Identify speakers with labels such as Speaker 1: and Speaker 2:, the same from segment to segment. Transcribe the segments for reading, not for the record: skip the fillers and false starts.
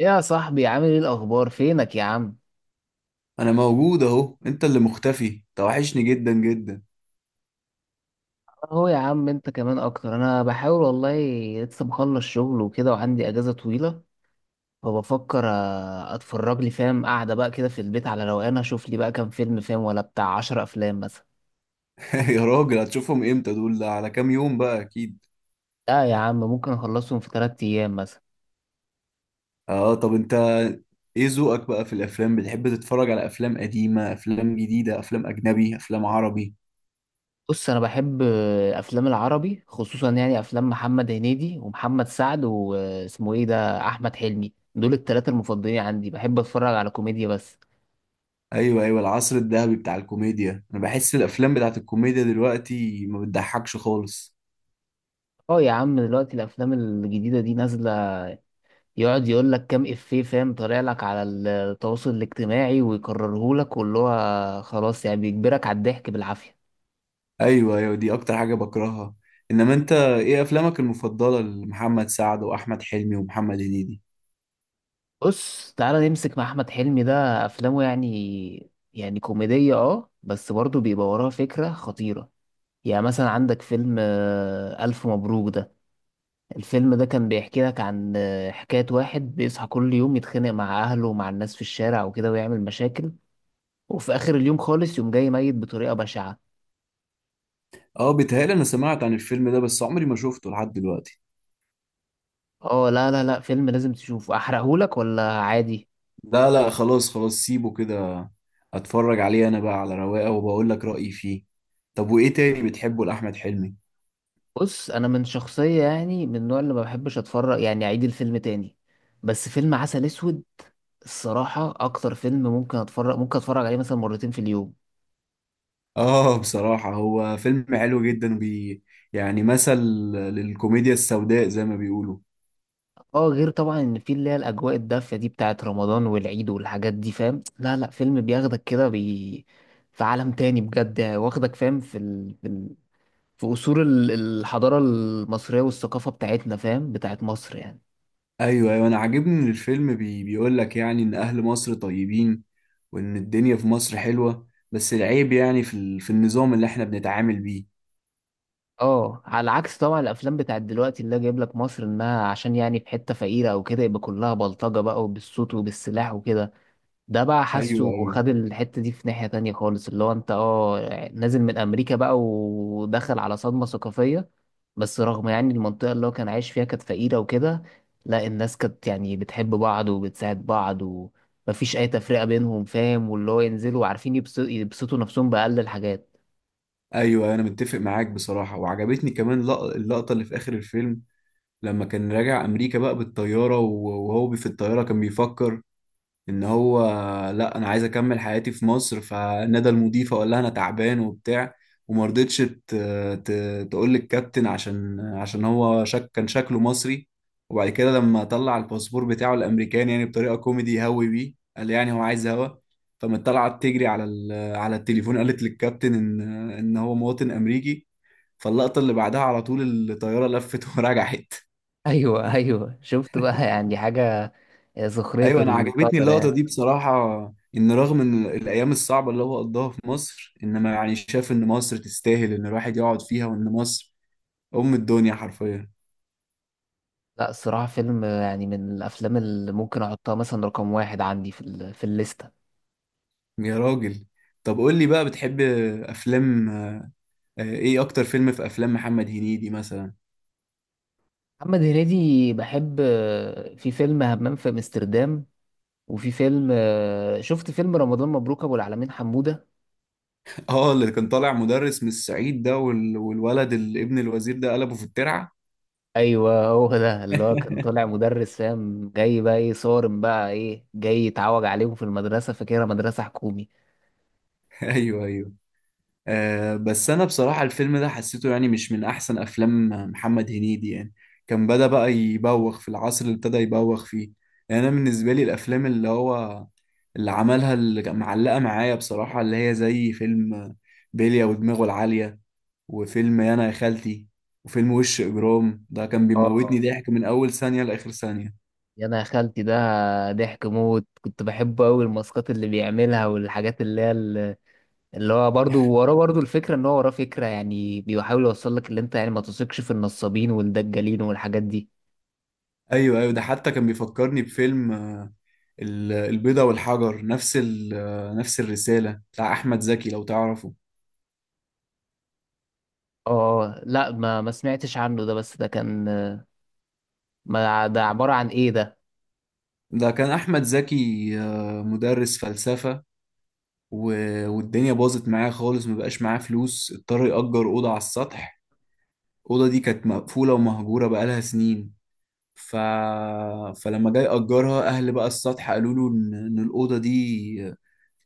Speaker 1: يا صاحبي، عامل ايه الاخبار؟ فينك يا عم؟
Speaker 2: انا موجود اهو. انت اللي مختفي، توحشني جدا جدا.
Speaker 1: اهو يا عم، انت كمان اكتر. انا بحاول والله، لسه مخلص شغل وكده وعندي اجازه طويله، فبفكر اتفرج لي، فاهم، قاعده بقى كده في البيت على روقان، اشوف لي بقى كام فيلم، فاهم، ولا بتاع 10 افلام مثلا.
Speaker 2: يا راجل هتشوفهم امتى دول؟ ده على كام يوم بقى اكيد؟
Speaker 1: لا يا عم، ممكن اخلصهم في 3 ايام مثلا.
Speaker 2: اه، طب انت ايه ذوقك بقى في الافلام؟ بتحب تتفرج على افلام قديمة، افلام جديدة، افلام اجنبي، افلام عربي؟
Speaker 1: بص، انا بحب افلام العربي خصوصا، يعني افلام محمد هنيدي ومحمد سعد، واسمه ايه ده، احمد حلمي. دول الثلاثه المفضلين عندي، بحب اتفرج على كوميديا بس.
Speaker 2: ايوه ايوه، العصر الذهبي بتاع الكوميديا. انا بحس الافلام بتاعت الكوميديا دلوقتي ما بتضحكش خالص.
Speaker 1: اه يا عم، دلوقتي الافلام الجديده دي نازله، يقعد يقول لك كام افيه، فاهم، طالع لك على التواصل الاجتماعي ويكرره لك، واللي هو خلاص يعني بيجبرك على الضحك بالعافيه.
Speaker 2: ايوه ايوه، دي اكتر حاجة بكرهها. انما انت ايه افلامك المفضلة لمحمد سعد واحمد حلمي ومحمد هنيدي؟
Speaker 1: بص، تعالى نمسك مع احمد حلمي ده، افلامه يعني كوميديه، اه، بس برضه بيبقى وراها فكره خطيره. يعني مثلا عندك فيلم الف مبروك ده. الفيلم ده كان بيحكي لك عن حكايه واحد بيصحى كل يوم يتخانق مع اهله ومع الناس في الشارع وكده ويعمل مشاكل، وفي اخر اليوم خالص، يوم جاي ميت بطريقه بشعه.
Speaker 2: اه بيتهيألي انا سمعت عن الفيلم ده، بس عمري ما شفته لحد دلوقتي.
Speaker 1: اه لا لا لا، فيلم لازم تشوفه. احرقهولك ولا عادي؟
Speaker 2: لا لا، خلاص خلاص، سيبه كده. اتفرج عليه انا بقى على رواقه وبقول لك رأيي فيه. طب وايه تاني بتحبه لأحمد حلمي؟
Speaker 1: بص، انا من شخصيه، يعني من النوع اللي ما بحبش اتفرج، يعني اعيد الفيلم تاني، بس فيلم عسل اسود، الصراحه اكتر فيلم ممكن اتفرج عليه مثلا مرتين في اليوم.
Speaker 2: اه بصراحة هو فيلم حلو جدا بي، يعني مثل للكوميديا السوداء زي ما بيقولوا.
Speaker 1: اه، غير طبعا ان في اللي هي الاجواء الدافيه دي بتاعت رمضان والعيد والحاجات دي، فاهم، لا لا، فيلم بياخدك كده في عالم تاني بجد، يعني واخدك، فاهم، في ال... في أصول الحضارة المصرية والثقافة بتاعتنا، فاهم، بتاعت مصر يعني.
Speaker 2: ايوه ايوه، انا عاجبني ان الفيلم بي بيقول لك يعني ان اهل مصر طيبين، وان الدنيا في مصر حلوة، بس العيب يعني في في النظام اللي احنا بنتعامل بيه.
Speaker 1: اه، على عكس طبعا الأفلام بتاعت دلوقتي اللي جايب لك مصر إنها، عشان يعني في حتة فقيرة أو كده، يبقى كلها بلطجة بقى وبالصوت وبالسلاح وكده. ده بقى
Speaker 2: ايوه
Speaker 1: حاسه،
Speaker 2: ايوه
Speaker 1: خد الحتة دي في ناحية تانية خالص، اللي هو انت، اه، نازل من امريكا بقى ودخل على صدمة ثقافية. بس رغم يعني المنطقة اللي هو كان عايش فيها كانت فقيرة وكده، لا، الناس كانت يعني بتحب بعض وبتساعد بعض ومفيش اي تفرقة بينهم، فاهم، واللي هو ينزلوا عارفين يبسطوا نفسهم بأقل الحاجات.
Speaker 2: ايوه، انا متفق معاك بصراحه. وعجبتني كمان اللقطه اللي في اخر الفيلم. لما كان راجع امريكا بقى بالطياره، وهو في الطياره كان بيفكر ان هو، لا انا عايز اكمل حياتي في مصر. فنادى المضيفه وقال لها انا تعبان وبتاع، وما رضتش تقول للكابتن، عشان هو شك، كان شكله مصري. وبعد كده لما طلع الباسبور بتاعه الامريكاني، يعني بطريقه كوميدي هوي بيه، قال يعني هو عايز هوا، فما طلعت تجري على على التليفون، قالت للكابتن ان هو مواطن امريكي. فاللقطه اللي بعدها على طول الطياره لفت ورجعت.
Speaker 1: ايوه ايوه، شفت بقى يعني حاجة، سخرية
Speaker 2: ايوه، انا عجبتني
Speaker 1: القدر
Speaker 2: اللقطه
Speaker 1: يعني.
Speaker 2: دي بصراحه. ان رغم ان الايام الصعبه اللي هو قضاها في مصر، انما يعني شاف ان مصر تستاهل ان الواحد يقعد فيها، وان مصر ام الدنيا حرفيا.
Speaker 1: لا، الصراحة فيلم يعني من الافلام اللي ممكن احطها مثلا رقم واحد عندي في في الليست.
Speaker 2: يا راجل، طب قول لي بقى بتحب افلام ايه اكتر فيلم في افلام محمد هنيدي مثلا؟
Speaker 1: محمد هنيدي، بحب في فيلم همام في امستردام، وفي فيلم، شفت فيلم رمضان مبروك ابو العلمين حمودة.
Speaker 2: اه، اللي كان طالع مدرس من الصعيد ده، والولد ابن الوزير ده قلبه في الترعه.
Speaker 1: ايوه، هو ده اللي هو كان طالع مدرس، فاهم، جاي بقى ايه صارم، بقى ايه جاي يتعوج عليهم في المدرسة، فاكرها مدرسة حكومي.
Speaker 2: ايوه ايوه. آه بس انا بصراحة الفيلم ده حسيته يعني مش من احسن افلام محمد هنيدي، يعني كان بدأ بقى يبوخ في العصر اللي ابتدى يبوخ فيه. يعني انا بالنسبة لي الافلام اللي هو اللي عملها اللي كان معلقة معايا بصراحة، اللي هي زي فيلم بيليا ودماغه العالية، وفيلم انا يا خالتي، وفيلم وش اجرام. ده كان
Speaker 1: اه،
Speaker 2: بيموتني ضحك من اول ثانية لاخر ثانية.
Speaker 1: يا انا يا خالتي ده، ضحك موت، كنت بحبه قوي، الماسكات اللي بيعملها والحاجات اللي هي اللي هو برضو وراه، برضو الفكرة ان هو وراه فكرة، يعني بيحاول يوصل لك اللي انت يعني ما تثقش في النصابين والدجالين والحاجات دي.
Speaker 2: ايوه ايوه، ده حتى كان بيفكرني بفيلم البيضة والحجر، نفس نفس الرسالة، بتاع أحمد زكي لو تعرفه.
Speaker 1: اه لا، ما سمعتش عنه ده. بس ده كان، ما ده عبارة عن ايه ده؟
Speaker 2: ده كان أحمد زكي مدرس فلسفة، والدنيا باظت معاه خالص، مبقاش معاه فلوس، اضطر يأجر أوضة على السطح. الأوضة دي كانت مقفولة ومهجورة بقالها سنين. ف... فلما جاي أجرها، أهل بقى السطح قالوا له إن الأوضة دي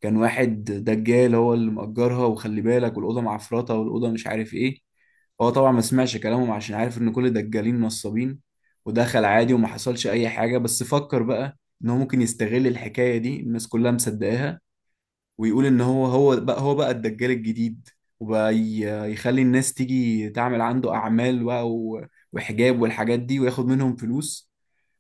Speaker 2: كان واحد دجال هو اللي مأجرها، وخلي بالك، والأوضة معفرطة، والأوضة مش عارف إيه. هو طبعا ما سمعش كلامهم عشان عارف إن كل الدجالين نصابين. ودخل عادي وما حصلش أي حاجة. بس فكر بقى إن هو ممكن يستغل الحكاية دي، الناس كلها مصدقاها، ويقول إن هو هو بقى الدجال الجديد. وبقى يخلي الناس تيجي تعمل عنده أعمال بقى، وحجاب والحاجات دي، وياخد منهم فلوس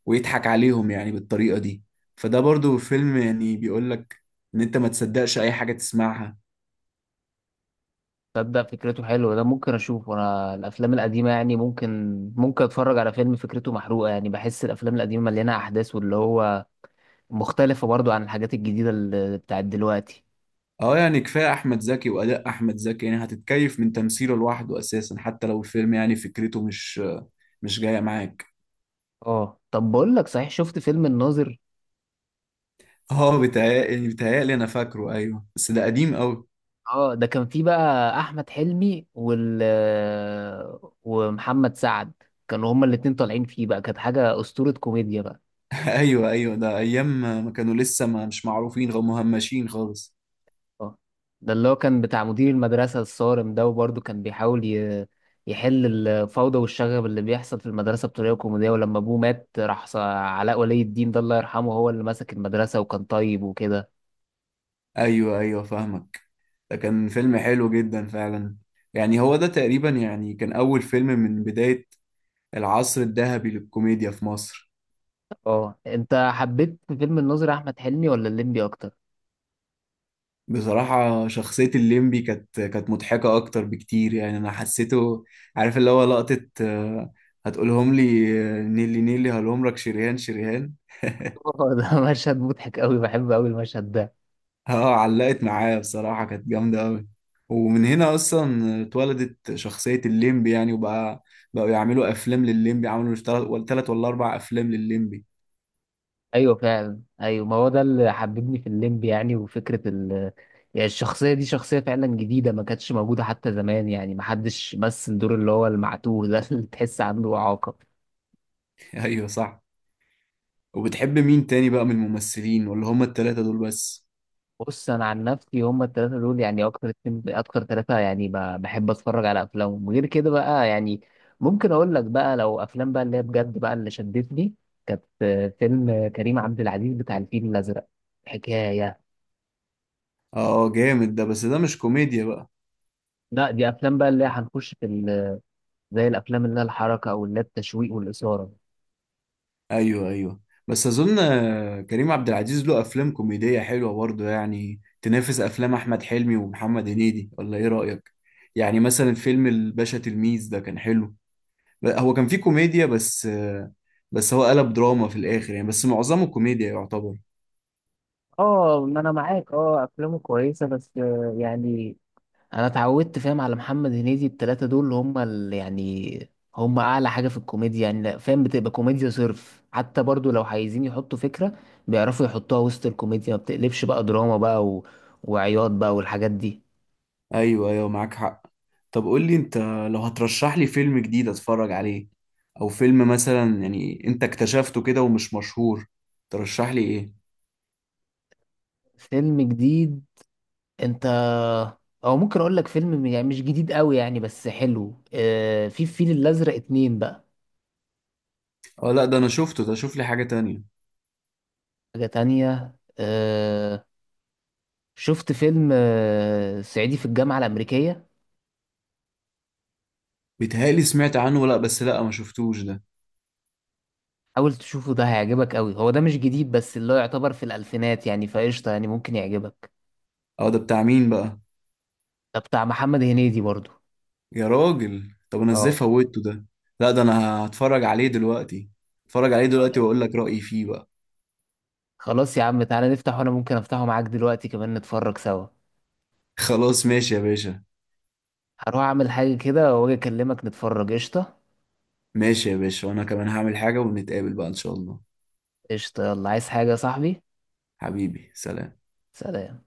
Speaker 2: ويضحك عليهم يعني بالطريقة دي. فده برضو فيلم يعني بيقول لك ان انت ما تصدقش اي حاجة تسمعها.
Speaker 1: تصدق فكرته حلوة، ده ممكن اشوفه. انا الافلام القديمة يعني ممكن اتفرج على فيلم فكرته محروقة، يعني بحس الافلام القديمة مليانة احداث، واللي هو مختلفة برضو عن الحاجات الجديدة اللي بتاعت دلوقتي.
Speaker 2: اه يعني كفاية احمد زكي واداء احمد زكي، يعني هتتكيف من تمثيله لوحده اساسا حتى لو الفيلم يعني فكرته مش مش جاية معاك.
Speaker 1: اه طب، بقول لك صحيح، شفت فيلم الناظر؟
Speaker 2: اه بيتهيألي بيتهيألي انا فاكره، ايوه، بس ده قديم قوي.
Speaker 1: اه، ده كان فيه بقى احمد حلمي ومحمد سعد، كانوا هما الاتنين طالعين فيه بقى، كانت حاجة اسطورة كوميديا بقى.
Speaker 2: ايوه ايوه، ده ايام ما كانوا لسه ما مش معروفين غير مهمشين خالص.
Speaker 1: اه، ده اللي هو كان بتاع مدير المدرسة الصارم ده، وبرضه كان بيحاول يحل الفوضى والشغب اللي بيحصل في المدرسة بطريقة كوميدية، ولما أبوه مات راح علاء ولي الدين ده، الله يرحمه، هو اللي مسك المدرسة وكان طيب وكده.
Speaker 2: ايوه ايوه، فاهمك. ده كان فيلم حلو جدا فعلا. يعني هو ده تقريبا يعني كان اول فيلم من بداية العصر الذهبي للكوميديا في مصر.
Speaker 1: اه، انت حبيت في فيلم الناظر أحمد حلمي ولا الليمبي أكتر؟
Speaker 2: بصراحة شخصية الليمبي كانت مضحكة أكتر بكتير، يعني أنا حسيته، عارف، اللي هو لقطة هتقولهم لي نيلي نيلي هلومرك شريهان شريهان.
Speaker 1: اه، ده مشهد مضحك أوي، بحب أوي المشهد ده.
Speaker 2: اه علقت معايا بصراحة، كانت جامدة أوي. ومن هنا أصلا اتولدت شخصية الليمبي يعني، وبقى بقوا يعملوا أفلام للليمبي، عملوا تلات ولا أربع أفلام للليمبي.
Speaker 1: ايوه فعلا، ايوه، ما هو ده اللي حببني في الليمب يعني، وفكره يعني الشخصيه دي شخصيه فعلا جديده، ما كانتش موجوده حتى زمان، يعني ما حدش مثل دور اللي هو المعتوه ده، اللي تحس عنده اعاقه.
Speaker 2: أيوه صح. وبتحب مين تاني بقى من الممثلين ولا هما التلاتة دول بس؟
Speaker 1: بص، انا عن نفسي هم الثلاثه دول، يعني اكتر اتنين، اكتر ثلاثه، يعني بحب اتفرج على افلامهم، غير كده بقى يعني ممكن اقول لك بقى لو افلام بقى اللي هي بجد بقى اللي شدتني، كانت فيلم كريم عبد العزيز بتاع الفيل الازرق، حكايه.
Speaker 2: اه جامد ده، بس ده مش كوميديا بقى.
Speaker 1: لا، دي افلام بقى اللي هي هنخش في زي الافلام اللي هي الحركه، او اللي هي التشويق والاثاره.
Speaker 2: ايوه ايوه، بس اظن كريم عبد العزيز له افلام كوميدية حلوة برضه، يعني تنافس افلام احمد حلمي ومحمد هنيدي، ولا ايه رأيك؟ يعني مثلا فيلم الباشا تلميذ ده كان حلو. هو كان فيه كوميديا، بس بس هو قلب دراما في الاخر يعني، بس معظمه كوميديا يعتبر.
Speaker 1: اه، ما انا معاك، اه افلامه كويسه بس، يعني انا اتعودت، فاهم، على محمد هنيدي، التلاته دول اللي هم، اللي يعني هم اعلى حاجه في الكوميديا، يعني فاهم بتبقى كوميديا صرف، حتى برضو لو عايزين يحطوا فكره بيعرفوا يحطوها وسط الكوميديا، ما بتقلبش بقى دراما بقى وعياط بقى والحاجات دي.
Speaker 2: ايوه ايوه، معاك حق. طب قول لي انت، لو هترشح لي فيلم جديد اتفرج عليه، او فيلم مثلا يعني انت اكتشفته كده ومش مشهور، ترشح لي ايه؟
Speaker 1: فيلم جديد؟ انت، او ممكن اقول لك فيلم يعني مش جديد قوي يعني بس حلو، في الفيل الازرق اتنين بقى.
Speaker 2: اه لا ده انا شفته، ده شوف لي حاجة تانية.
Speaker 1: حاجة تانية. شفت فيلم صعيدي في الجامعة الأمريكية؟
Speaker 2: بيتهيألي سمعت عنه، لا بس لا ما شفتوش ده.
Speaker 1: حاول تشوفه، ده هيعجبك قوي. هو ده مش جديد بس اللي هو يعتبر في الألفينات يعني، فقشطة يعني ممكن يعجبك.
Speaker 2: اه، ده بتاع مين بقى؟
Speaker 1: ده بتاع محمد هنيدي برضو.
Speaker 2: يا راجل، طب انا ازاي
Speaker 1: اه
Speaker 2: فوتته ده؟ لا ده انا هتفرج عليه دلوقتي، هتفرج عليه دلوقتي واقول لك رأيي فيه بقى.
Speaker 1: خلاص يا عم، تعالى نفتح، وأنا ممكن أفتحه معاك دلوقتي كمان نتفرج سوا.
Speaker 2: خلاص ماشي يا باشا.
Speaker 1: هروح أعمل حاجة كده وأجي أكلمك، نتفرج قشطة.
Speaker 2: ماشي يا باشا، وانا كمان هعمل حاجة ونتقابل بقى ان شاء الله.
Speaker 1: قشطة، يلا، عايز حاجة يا صاحبي؟
Speaker 2: حبيبي سلام.
Speaker 1: سلام.